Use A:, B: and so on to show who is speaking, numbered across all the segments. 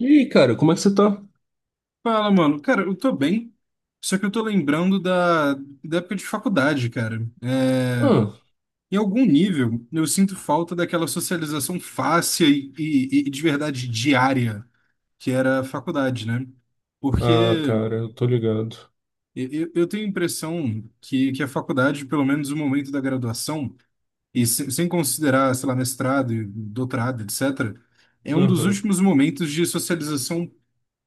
A: E aí, cara, como é que você tá?
B: Fala, mano. Cara, eu tô bem, só que eu tô lembrando da época de faculdade, cara.
A: Ah,
B: Em algum nível, eu sinto falta daquela socialização fácil e de verdade diária que era a faculdade, né? Porque
A: Cara, eu tô ligado.
B: eu tenho a impressão que a faculdade, pelo menos o momento da graduação, sem considerar, sei lá, mestrado, e doutorado, etc., é um dos
A: Aham.
B: últimos momentos de socialização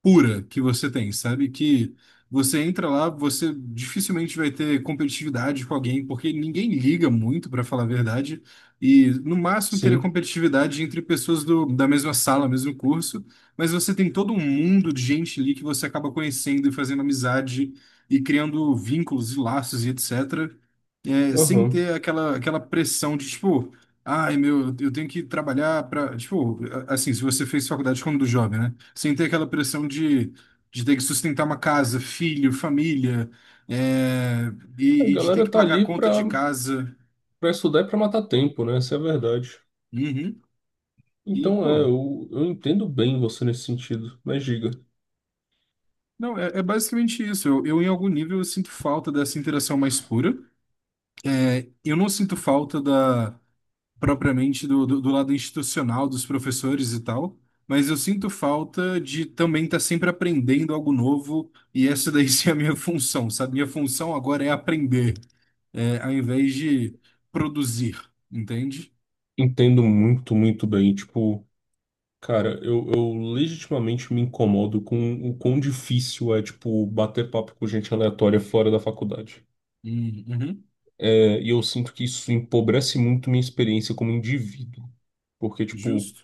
B: pura que você tem, sabe? Que você entra lá, você dificilmente vai ter competitividade com alguém, porque ninguém liga muito, para falar a verdade, e no máximo teria
A: Sim,
B: competitividade entre pessoas da mesma sala, mesmo curso, mas você tem todo um mundo de gente ali que você acaba conhecendo e fazendo amizade e criando vínculos e laços e etc sem
A: aham.
B: ter aquela pressão de, tipo, ai, meu, eu tenho que trabalhar para, tipo, assim, se você fez faculdade quando jovem, né? Sem ter aquela pressão de ter que sustentar uma casa, filho, família, é,
A: A
B: e de ter que
A: galera tá
B: pagar a
A: ali
B: conta de
A: pra,
B: casa.
A: pra estudar e pra matar tempo, né? Essa é a verdade.
B: Uhum. E,
A: Então,
B: pô,
A: eu entendo bem você nesse sentido, mas diga.
B: não, é, é basicamente isso. Em algum nível, eu sinto falta dessa interação mais pura. É, eu não sinto falta da propriamente do lado institucional dos professores e tal, mas eu sinto falta de também estar sempre aprendendo algo novo e essa daí sim é a minha função, sabe? Minha função agora é aprender, é, ao invés de produzir, entende?
A: Entendo muito, muito bem. Tipo, cara, eu legitimamente me incomodo com o quão difícil é, tipo, bater papo com gente aleatória fora da faculdade.
B: Uhum,
A: É, e eu sinto que isso empobrece muito minha experiência como indivíduo. Porque, tipo,
B: justo,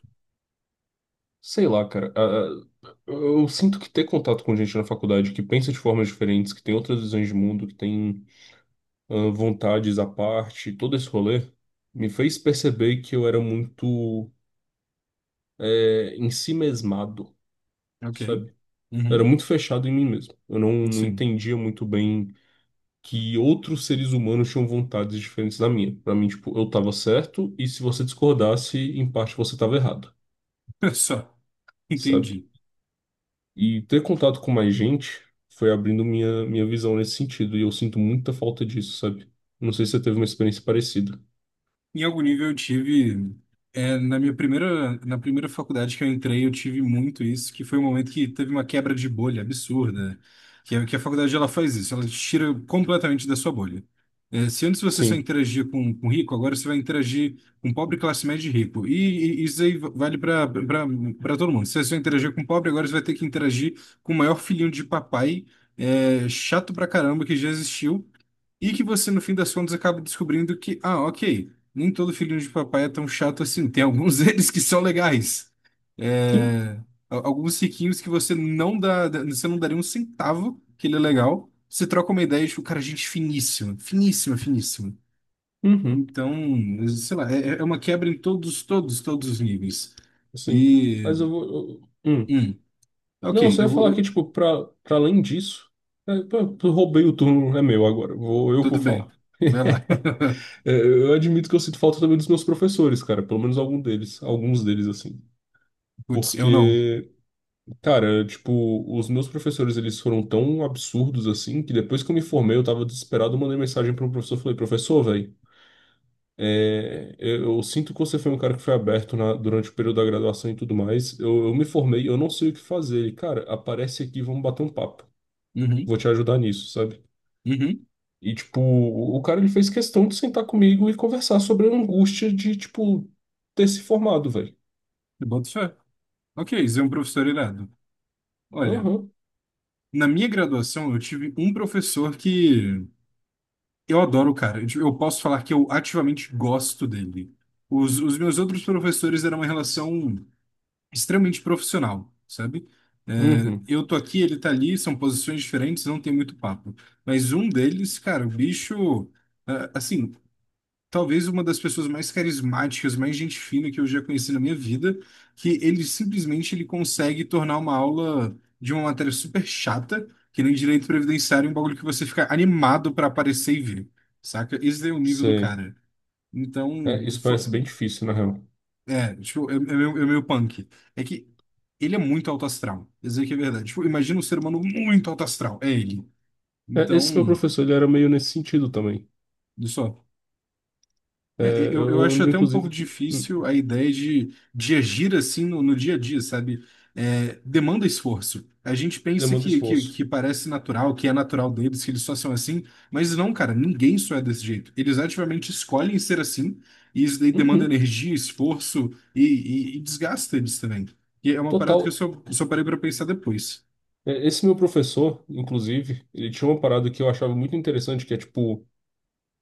A: sei lá, cara. Ah, eu sinto que ter contato com gente na faculdade que pensa de formas diferentes, que tem outras visões de mundo, que tem ah, vontades à parte, todo esse rolê, me fez perceber que eu era muito em si mesmado,
B: ok.
A: sabe? Eu era
B: Uhum,
A: muito fechado em mim mesmo. Eu não
B: sim,
A: entendia muito bem que outros seres humanos tinham vontades diferentes da minha. Pra mim, tipo, eu tava certo e se você discordasse, em parte você tava errado,
B: só,
A: sabe?
B: entendi.
A: E ter contato com mais gente foi abrindo minha, minha visão nesse sentido, e eu sinto muita falta disso, sabe? Não sei se você teve uma experiência parecida.
B: Em algum nível eu tive, é, na minha primeira, na primeira faculdade que eu entrei, eu tive muito isso, que foi um momento que teve uma quebra de bolha absurda, que, que a faculdade ela faz isso, ela te tira completamente da sua bolha. É, se antes você só
A: Sim.
B: interagia com rico, agora você vai interagir com pobre, classe média e rico. E isso aí vale para todo mundo. Se você só interagia com pobre, agora você vai ter que interagir com o maior filhinho de papai, é, chato pra caramba que já existiu. E que você, no fim das contas, acaba descobrindo que, ah, ok, nem todo filhinho de papai é tão chato assim. Tem alguns deles que são legais.
A: Sim.
B: É, alguns riquinhos que você não você não daria um centavo que ele é legal. Você troca uma ideia, tipo, cara, gente finíssima, finíssima, finíssima.
A: Uhum.
B: Então, sei lá, é, é uma quebra em todos, todos, todos os níveis.
A: Sim.
B: E,
A: Mas eu vou.
B: hum, ok,
A: Não, você ia
B: eu vou,
A: falar que, tipo, pra, pra além disso. É, pô, eu roubei o turno, é meu agora. Eu vou
B: tudo bem,
A: falar.
B: vai lá.
A: É, eu admito que eu sinto falta também dos meus professores, cara. Pelo menos algum deles. Alguns deles, assim.
B: Putz, eu não.
A: Porque. Cara, tipo, os meus professores, eles foram tão absurdos assim, que depois que eu me formei, eu tava desesperado, eu mandei mensagem para um professor, falei, professor, velho, eu sinto que você foi um cara que foi aberto na- durante o período da graduação e tudo mais, eu me formei, eu não sei o que fazer, ele, cara, aparece aqui, vamos bater um papo,
B: Uhum,
A: vou te ajudar nisso, sabe?
B: uhum,
A: E, tipo, o cara, ele fez questão de sentar comigo e conversar sobre a angústia de, tipo, ter se formado, velho.
B: eu boto fé. Ok, isso é um professor irado. Olha,
A: Aham.
B: na minha graduação eu tive um professor que eu adoro o cara. Eu tipo, eu posso falar que eu ativamente gosto dele. Os meus outros professores eram uma relação extremamente profissional, sabe? É,
A: Uhum.
B: eu tô aqui, ele tá ali, são posições diferentes, não tem muito papo. Mas um deles, cara, o bicho, é, assim, talvez uma das pessoas mais carismáticas, mais gente fina que eu já conheci na minha vida, que ele simplesmente ele consegue tornar uma aula de uma matéria super chata, que nem direito previdenciário, um bagulho que você fica animado pra aparecer e ver saca? Esse é o nível do
A: Sei.
B: cara.
A: É,
B: Então,
A: isso parece bem difícil, na real.
B: é, tipo, é meio punk. É que ele é muito alto astral, isso aí que é verdade. Tipo, imagina um ser humano muito alto astral, é ele.
A: É, esse meu
B: Então,
A: professor, ele era meio nesse sentido também.
B: olha só. É,
A: É,
B: eu
A: eu
B: acho
A: lembro,
B: até um pouco
A: inclusive, que
B: difícil a ideia de agir assim no, no dia a dia, sabe? É, demanda esforço. A gente pensa
A: demanda
B: que, que,
A: esforço.
B: que parece natural, que é natural deles, que eles só são assim, mas não, cara, ninguém só é desse jeito. Eles ativamente escolhem ser assim, e isso daí demanda
A: Uhum.
B: energia, esforço e desgasta eles também. E é uma parada que eu
A: Total.
B: só parei pra pensar depois.
A: É, esse meu professor, inclusive, ele tinha uma parada que eu achava muito interessante, que é tipo,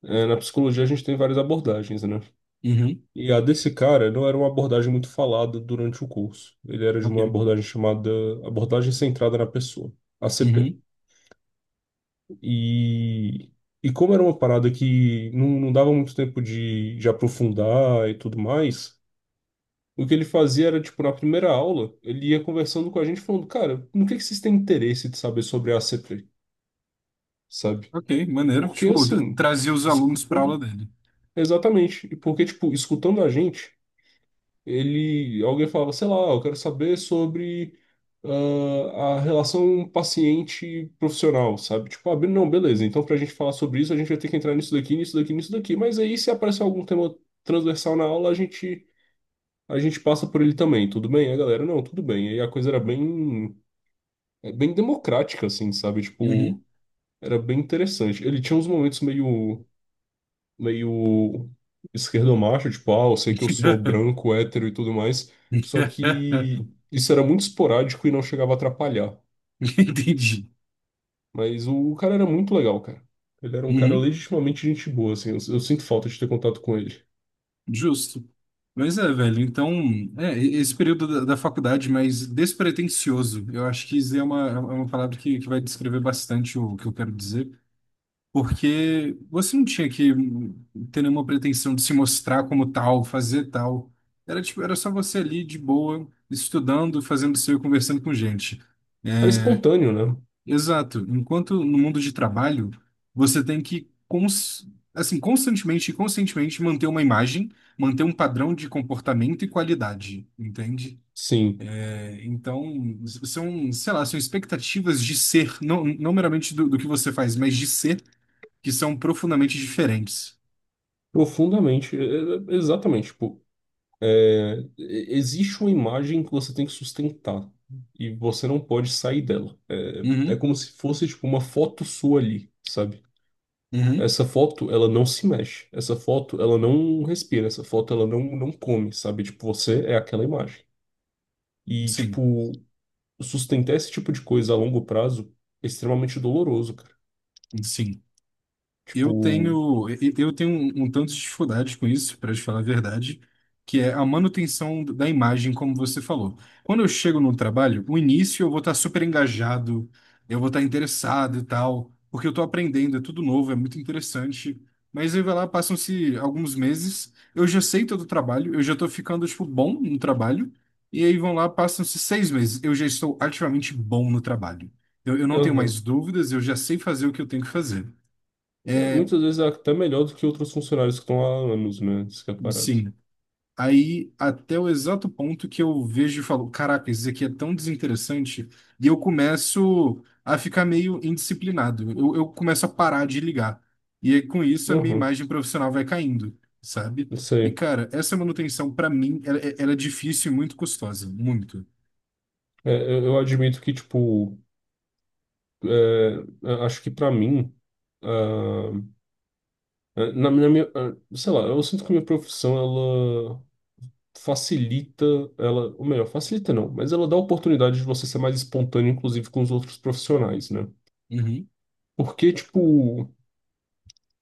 A: é, na psicologia a gente tem várias abordagens, né?
B: Uhum,
A: E a desse cara não era uma abordagem muito falada durante o curso. Ele era de uma
B: ok.
A: abordagem chamada abordagem centrada na pessoa, ACP.
B: Uhum,
A: E, e como era uma parada que não dava muito tempo de aprofundar e tudo mais. O que ele fazia era, tipo, na primeira aula, ele ia conversando com a gente, falando, cara, no que vocês têm interesse de saber sobre a ACP, sabe?
B: ok, maneiro.
A: Porque,
B: Tipo,
A: assim,
B: trazer os alunos pra aula
A: escutando...
B: dele.
A: Exatamente. E porque, tipo, escutando a gente, ele... Alguém falava, sei lá, eu quero saber sobre ah, a relação paciente-profissional, sabe? Tipo, abrindo, não, beleza, então pra gente falar sobre isso, a gente vai ter que entrar nisso daqui, nisso daqui, nisso daqui. Mas aí, se aparecer algum tema transversal na aula, a gente passa por ele também, tudo bem? A galera, não, tudo bem. Aí a coisa era bem, é, bem democrática, assim, sabe? Tipo,
B: Uhum.
A: era bem interessante. Ele tinha uns momentos meio, meio esquerdomacho, tipo, ah, eu sei que eu sou branco, hétero e tudo mais, só que isso era muito esporádico e não chegava a atrapalhar.
B: Entendi.
A: Mas o cara era muito legal, cara. Ele era um cara
B: Uhum.
A: legitimamente gente boa, assim, eu sinto falta de ter contato com ele.
B: Justo. Mas é, velho, então, é, esse período da faculdade mais despretensioso, eu acho que isso é uma palavra que vai descrever bastante o que eu quero dizer, porque você não tinha que ter nenhuma pretensão de se mostrar como tal, fazer tal. Era tipo, era só você ali de boa, estudando, fazendo seu e conversando com gente.
A: Era espontâneo, né?
B: Exato. Enquanto no mundo de trabalho, você tem que assim, constantemente e conscientemente manter uma imagem, manter um padrão de comportamento e qualidade, entende?
A: Sim,
B: É, então, são, sei lá, são expectativas de ser, não, não meramente do que você faz, mas de ser, que são profundamente diferentes.
A: profundamente, exatamente, tipo, é, existe uma imagem que você tem que sustentar e você não pode sair dela. É, é
B: Uhum,
A: como se fosse tipo uma foto sua ali, sabe?
B: uhum.
A: Essa foto, ela não se mexe. Essa foto, ela não respira. Essa foto, ela não come, sabe? Tipo, você é aquela imagem. E,
B: Sim,
A: tipo, sustentar esse tipo de coisa a longo prazo é extremamente doloroso, cara.
B: sim.
A: Tipo,
B: Eu tenho, eu tenho um tanto de dificuldade com isso, para te falar a verdade, que é a manutenção da imagem, como você falou. Quando eu chego no trabalho, o início eu vou estar super engajado, eu vou estar interessado e tal, porque eu estou aprendendo, é tudo novo, é muito interessante. Mas aí vai lá, passam-se alguns meses, eu já sei todo o trabalho, eu já estou ficando, tipo, bom no trabalho, e aí vão lá, passam-se 6 meses, eu já estou ativamente bom no trabalho. Eu não tenho
A: aham.
B: mais dúvidas, eu já sei fazer o que eu tenho que fazer.
A: É, muitas vezes é até melhor do que outros funcionários que estão há anos, né? Isso que é parado.
B: Sim. Aí, até o exato ponto que eu vejo e falo, caraca, isso aqui é tão desinteressante, e eu começo a ficar meio indisciplinado. Eu começo a parar de ligar. E aí, com isso, a minha
A: Aham,
B: imagem profissional vai caindo, sabe?
A: isso
B: E,
A: aí.
B: cara, essa manutenção, pra mim, ela é difícil e muito custosa. Muito.
A: É, eu admito que, tipo, é, a- acho que pra mim, ah, é, na, na minha, ah, sei lá, eu sinto que a minha profissão, ela facilita, ela, ou melhor, facilita não, mas ela dá a oportunidade de você ser mais espontâneo, inclusive com os outros profissionais, né?
B: Uhum.
A: Porque, tipo,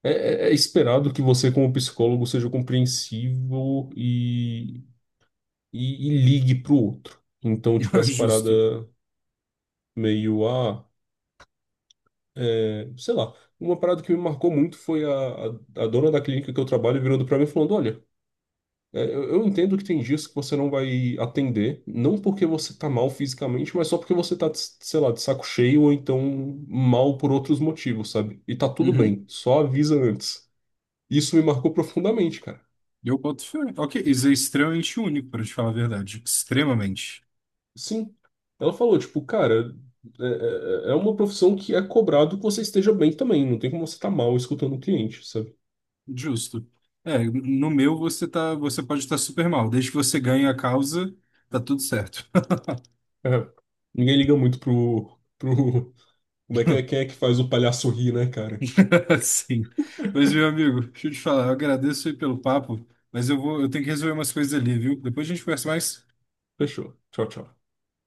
A: é, é esperado que você, como psicólogo, seja compreensivo e, e ligue pro outro. Então, tipo, essa parada
B: Justo.
A: meio, ah. É, sei lá, uma parada que me marcou muito foi a, a dona da clínica que eu trabalho virando pra mim e falando: olha, é, eu entendo que tem dias que você não vai atender, não porque você tá mal fisicamente, mas só porque você tá, de- sei lá, de saco cheio ou então mal por outros motivos, sabe? E tá tudo
B: Uhum.
A: bem, só avisa antes. Isso me marcou profundamente, cara.
B: Eu boto fé. Ok, isso é extremamente único, para te falar a verdade. Extremamente.
A: Sim, ela falou: tipo, cara, é, é uma profissão que é cobrado que você esteja bem também, não tem como você tá mal escutando o cliente, sabe?
B: Justo. É, no meu você tá, você pode estar super mal. Desde que você ganhe a causa, tá tudo certo.
A: É, ninguém liga muito pro, pro. Como é que é? Quem é que faz o palhaço rir, né, cara?
B: Sim. Mas, meu amigo, deixa eu te falar, eu agradeço aí pelo papo, mas eu vou, eu tenho que resolver umas coisas ali, viu? Depois a gente conversa mais.
A: Fechou. Tchau, tchau.